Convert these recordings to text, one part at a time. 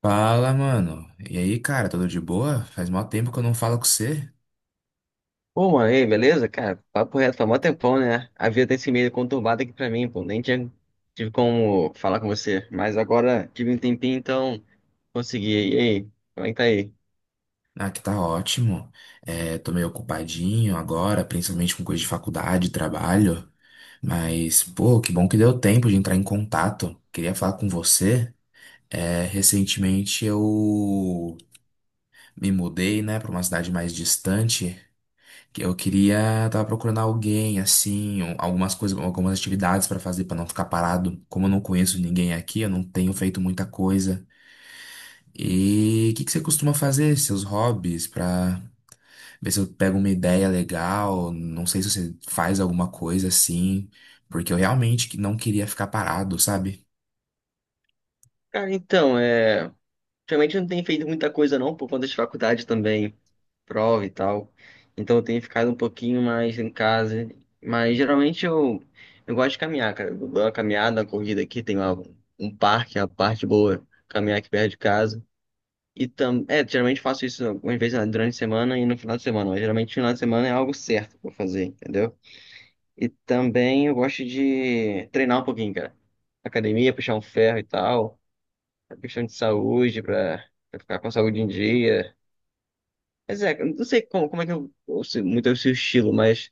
Fala, mano. E aí, cara, tudo de boa? Faz mó tempo que eu não falo com você. Pô, mano, e aí, beleza? Cara, papo reto, foi mó tempão, né? A vida tem esse meio conturbado aqui pra mim, pô. Nem tinha, tive como falar com você, mas agora tive um tempinho, então consegui. E aí, como é que tá aí? Ah, que tá ótimo. É, tô meio ocupadinho agora, principalmente com coisa de faculdade, trabalho. Mas, pô, que bom que deu tempo de entrar em contato. Queria falar com você. É, recentemente eu me mudei, né, pra uma cidade mais distante. Que Eu queria, tava procurando alguém, assim, algumas coisas, algumas atividades pra fazer pra não ficar parado. Como eu não conheço ninguém aqui, eu não tenho feito muita coisa. E o que que você costuma fazer, seus hobbies, pra ver se eu pego uma ideia legal? Não sei se você faz alguma coisa assim, porque eu realmente que não queria ficar parado, sabe? Cara, então, realmente eu não tenho feito muita coisa não, por conta de faculdade também, prova e tal. Então eu tenho ficado um pouquinho mais em casa. Mas geralmente eu gosto de caminhar, cara. Eu dou uma caminhada, uma corrida aqui, um parque, a parte boa, caminhar aqui perto de casa. Geralmente faço isso algumas vezes, né, durante a semana e no final de semana, mas geralmente no final de semana é algo certo pra eu fazer, entendeu? E também eu gosto de treinar um pouquinho, cara. Academia, puxar um ferro e tal, a questão de saúde, pra ficar com a saúde em dia. Mas é, eu não sei como, como é que eu sei muito é o seu estilo, mas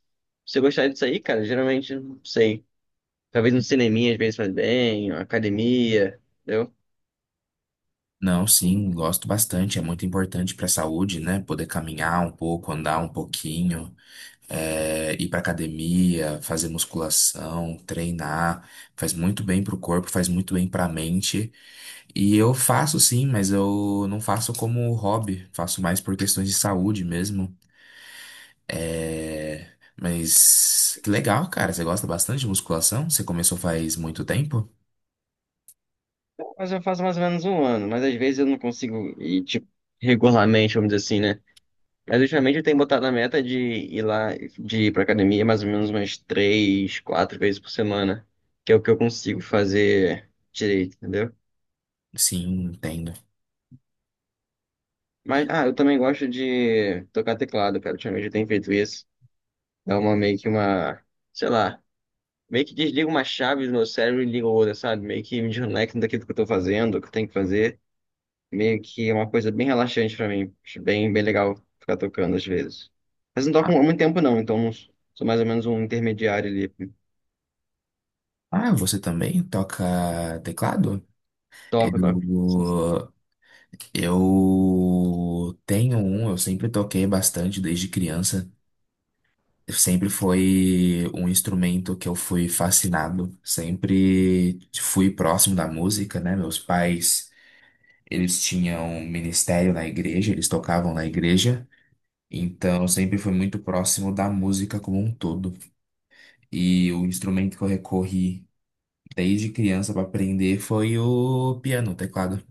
se você gostar disso aí, cara, geralmente, não sei, talvez um cineminha às vezes faz bem, uma academia, entendeu? Não, sim, gosto bastante, é muito importante pra saúde, né? Poder caminhar um pouco, andar um pouquinho, é, ir pra academia, fazer musculação, treinar, faz muito bem pro corpo, faz muito bem pra mente. E eu faço sim, mas eu não faço como hobby, faço mais por questões de saúde mesmo. É... Mas que legal, cara, você gosta bastante de musculação? Você começou faz muito tempo? Mas eu faço mais ou menos um ano, mas às vezes eu não consigo ir, tipo, regularmente, vamos dizer assim, né? Mas ultimamente eu tenho botado a meta de ir lá, de ir pra academia mais ou menos umas três, quatro vezes por semana, que é o que eu consigo fazer direito, entendeu? Sim, entendo. Mas, ah, eu também gosto de tocar teclado, cara. Ultimamente eu tenho feito isso. Dá uma meio que uma, sei lá, Meio que desliga uma chave do meu cérebro e liga outra, sabe? Meio que me desconecta daquilo que eu tô fazendo, o que eu tenho que fazer. Meio que é uma coisa bem relaxante pra mim. Acho bem, bem legal ficar tocando às vezes. Mas não Ah, toco há muito tempo não, então não sou mais ou menos um intermediário ali. ah, você também toca teclado? Toco, toco. Eu, eu tenho um, eu sempre toquei bastante desde criança. Sempre foi um instrumento que eu fui fascinado, sempre fui próximo da música, né? Meus pais, eles tinham um ministério na igreja, eles tocavam na igreja, então eu sempre fui muito próximo da música como um todo. E o instrumento que eu recorri desde criança para aprender foi o piano, o teclado.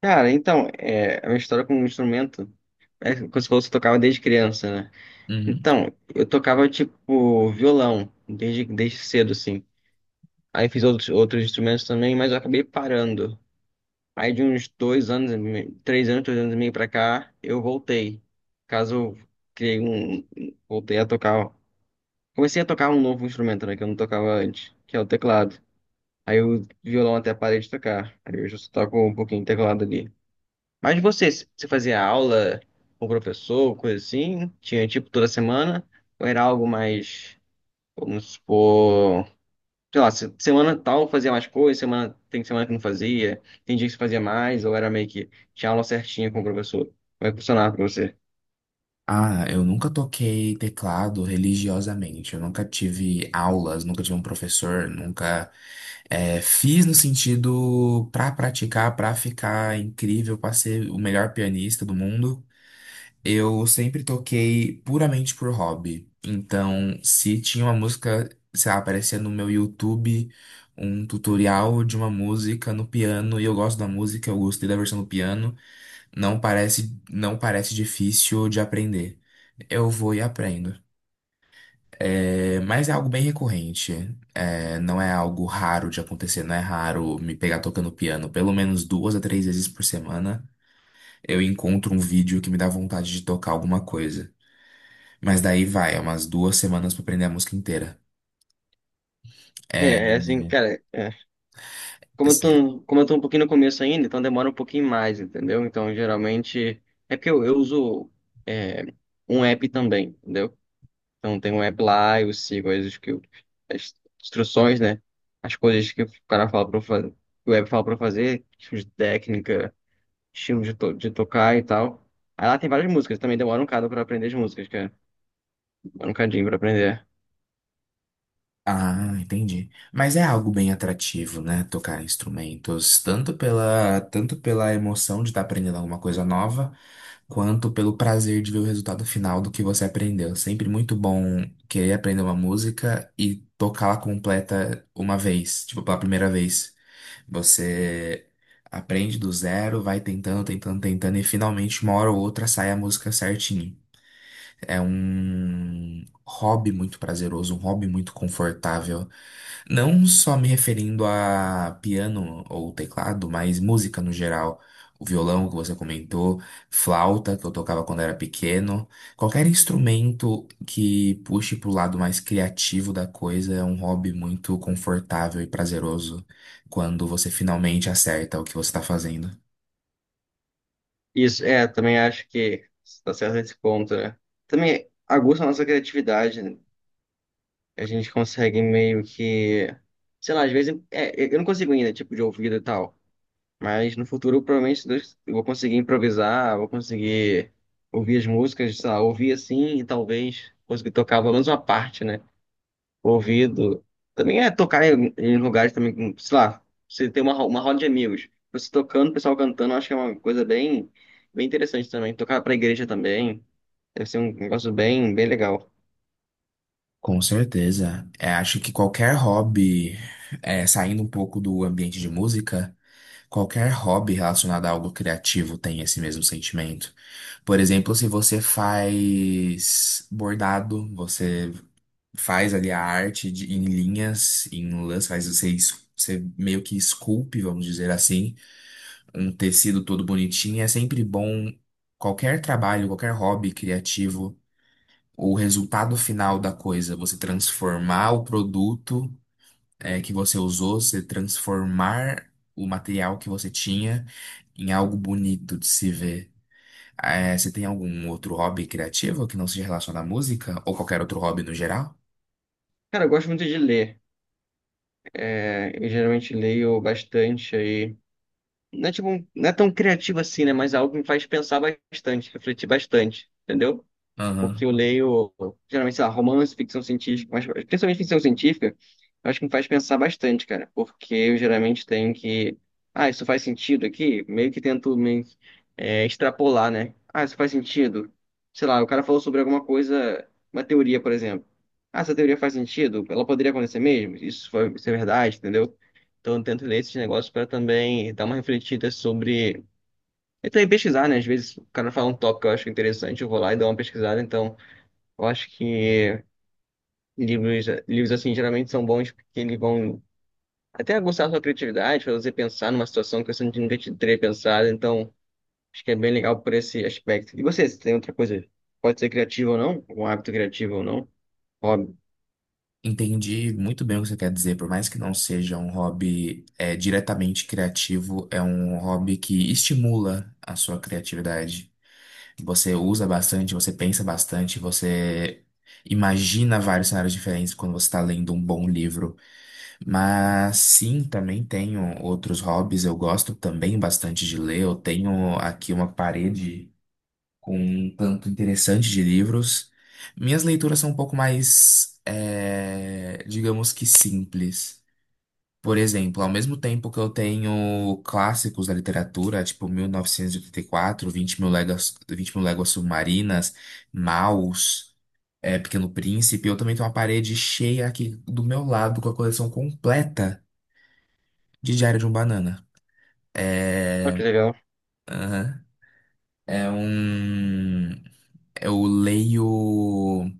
Cara, então, é, a minha história com o instrumento é como você fosse, eu tocava desde criança, né? Uhum. Então, eu tocava tipo violão desde cedo, assim. Aí fiz outros instrumentos também, mas eu acabei parando. Aí de uns dois anos, três anos, dois anos e meio pra cá, eu voltei. Caso eu criei um, voltei a tocar Comecei a tocar um novo instrumento, né, que eu não tocava antes, que é o teclado. Aí o violão até parei de tocar. Aí hoje eu só toco um pouquinho de teclado ali. Mas você fazia aula com o professor, coisa assim? Tinha tipo toda semana? Ou era algo mais, vamos supor, sei lá, semana tal fazia mais coisa, semana, tem semana que não fazia, tem dia que você fazia mais, ou era meio que tinha aula certinha com o professor? Como é que funcionava pra você? Ah, eu nunca toquei teclado religiosamente. Eu nunca tive aulas, nunca tive um professor, nunca fiz no sentido pra praticar, pra ficar incrível, pra ser o melhor pianista do mundo. Eu sempre toquei puramente por hobby. Então, se tinha uma música, sei lá, aparecia no meu YouTube um tutorial de uma música no piano e eu gosto da música, eu gostei da versão do piano. Não parece difícil de aprender. Eu vou e aprendo. É, mas é algo bem recorrente. É, não é algo raro de acontecer, não é raro me pegar tocando piano. Pelo menos 2 a 3 vezes por semana eu encontro um vídeo que me dá vontade de tocar alguma coisa. Mas daí vai, é umas 2 semanas pra aprender a música inteira. É, é assim, cara. Como eu tô um pouquinho no começo ainda, então demora um pouquinho mais, entendeu? Então, geralmente, é porque eu uso é, um app também, entendeu? Então, tem um app lá, eu sigo as instruções, né? As coisas que o cara fala pra eu fazer, que o app fala pra eu fazer, tipo de técnica, de tocar e tal. Aí lá tem várias músicas, também demora um bocado pra aprender as músicas, cara. Demora um cadinho pra aprender. Ah, entendi. Mas é algo bem atrativo, né? Tocar instrumentos, tanto pela emoção de estar aprendendo alguma coisa nova, quanto pelo prazer de ver o resultado final do que você aprendeu. Sempre muito bom querer aprender uma música e tocá-la completa uma vez, tipo, pela primeira vez. Você aprende do zero, vai tentando, tentando, tentando, e finalmente, uma hora ou outra, sai a música certinho. É um hobby muito prazeroso, um hobby muito confortável. Não só me referindo a piano ou teclado, mas música no geral. O violão que você comentou, flauta que eu tocava quando era pequeno. Qualquer instrumento que puxe pro lado mais criativo da coisa é um hobby muito confortável e prazeroso quando você finalmente acerta o que você está fazendo. Isso, é, também acho que tá certo esse ponto, né? Também aguça a nossa criatividade, né? A gente consegue meio que, sei lá, às vezes, é, eu não consigo ainda, tipo, de ouvido e tal, mas no futuro, provavelmente, se Deus- eu vou conseguir improvisar, vou conseguir ouvir as músicas, sei lá, ouvir assim e talvez conseguir tocar pelo menos uma parte, né? O ouvido. Também é tocar em lugares também, sei lá, você tem uma, uma roda de amigos, você tocando, o pessoal cantando, eu acho que é uma coisa bem, bem interessante também. Tocar pra igreja também, deve ser um negócio bem, bem legal. Com certeza. É, acho que qualquer hobby, é, saindo um pouco do ambiente de música, qualquer hobby relacionado a algo criativo tem esse mesmo sentimento. Por exemplo, se você faz bordado, você faz ali a arte em linhas, em lãs, você meio que esculpe, vamos dizer assim, um tecido todo bonitinho. É sempre bom qualquer trabalho, qualquer hobby criativo, o resultado final da coisa, você transformar o produto que você usou, você transformar o material que você tinha em algo bonito de se ver. É, você tem algum outro hobby criativo que não seja relacionado à música? Ou qualquer outro hobby no geral? Cara, eu gosto muito de ler. É, eu geralmente leio bastante aí. Não é, tipo, não é tão criativo assim, né? Mas é algo que me faz pensar bastante, refletir bastante, entendeu? Aham. Porque eu leio, geralmente, sei lá, romance, ficção científica, mas principalmente ficção científica, eu acho que me faz pensar bastante, cara. Porque eu geralmente tenho que. Ah, isso faz sentido aqui? Meio que tento me, é, extrapolar, né? Ah, isso faz sentido. Sei lá, o cara falou sobre alguma coisa, uma teoria, por exemplo. Ah, essa teoria faz sentido? Ela poderia acontecer mesmo? Isso é verdade, entendeu? Então, eu tento ler esses negócios para também dar uma refletida sobre. E também pesquisar, né? Às vezes o cara fala um tópico que eu acho interessante, eu vou lá e dou uma pesquisada. Então, eu acho que livros assim, geralmente são bons porque eles vão até aguçar a sua criatividade, fazer você pensar numa situação que você nunca te teria pensado. Então, acho que é bem legal por esse aspecto. E você tem outra coisa? Pode ser criativo ou não? Um hábito criativo ou não? Hobby. Entendi muito bem o que você quer dizer. Por mais que não seja um hobby diretamente criativo, é um hobby que estimula a sua criatividade. Você usa bastante, você pensa bastante, você imagina vários cenários diferentes quando você está lendo um bom livro. Mas sim, também tenho outros hobbies. Eu gosto também bastante de ler. Eu tenho aqui uma parede com um tanto interessante de livros. Minhas leituras são um pouco mais, digamos que simples. Por exemplo, ao mesmo tempo que eu tenho clássicos da literatura, tipo mil novecentos e oitenta e quatro, 20 mil léguas submarinas, Maus, Pequeno Príncipe, eu também tenho uma parede cheia aqui do meu lado com a coleção completa de Diário de um Banana. Ah, que É. legal. Aham. É um. Eu leio.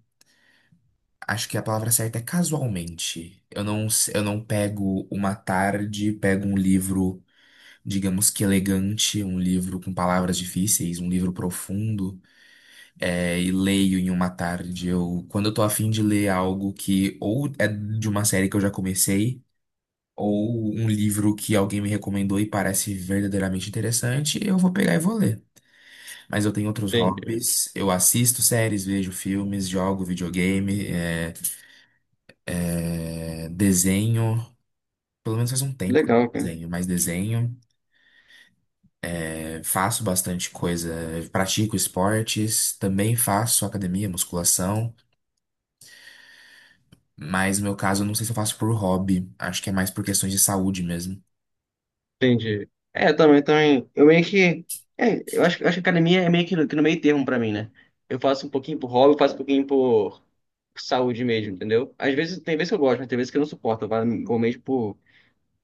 Acho que a palavra certa é casualmente. Eu não pego uma tarde, pego um livro, digamos que elegante, um livro com palavras difíceis, um livro profundo, e leio em uma tarde. Eu, quando eu tô afim de ler algo que ou é de uma série que eu já comecei, ou um livro que alguém me recomendou e parece verdadeiramente interessante, eu vou pegar e vou ler. Mas eu tenho outros Entendi. hobbies, eu assisto séries, vejo filmes, jogo videogame, desenho. Pelo menos faz um tempo que eu não Legal, cara. desenho, mas desenho, faço bastante coisa, pratico esportes, também faço academia, musculação, mas no meu caso eu não sei se eu faço por hobby, acho que é mais por questões de saúde mesmo. Entendi. É, também, também. Eu meio que. É, eu acho que academia é meio que no meio termo pra mim, né? Eu faço um pouquinho por hobby, eu faço um pouquinho por saúde mesmo, entendeu? Às vezes, tem vezes que eu gosto, mas tem vezes que eu não suporto. Eu falo, vou mesmo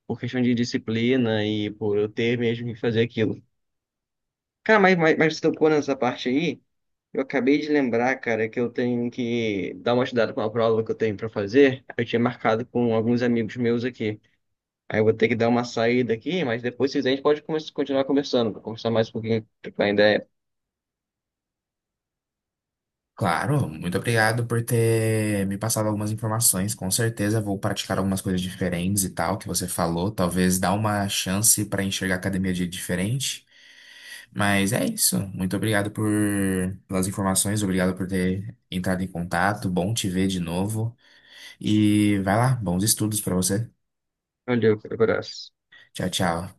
por questão de disciplina e por eu ter mesmo que fazer aquilo. Cara, mas você tocou nessa parte aí, eu acabei de lembrar, cara, que eu tenho que dar uma estudada com uma prova que eu tenho pra fazer. Eu tinha marcado com alguns amigos meus aqui. Aí eu vou ter que dar uma saída aqui, mas depois se quiser a gente pode continuar conversando, pra conversar mais um pouquinho, trocar ideia. Claro, muito obrigado por ter me passado algumas informações. Com certeza vou praticar algumas coisas diferentes e tal que você falou. Talvez dar uma chance para enxergar a academia de diferente. Mas é isso. Muito obrigado por pelas informações, obrigado por ter entrado em contato. Bom te ver de novo. E vai lá, bons estudos para você. Valeu, abraço. Tchau, tchau.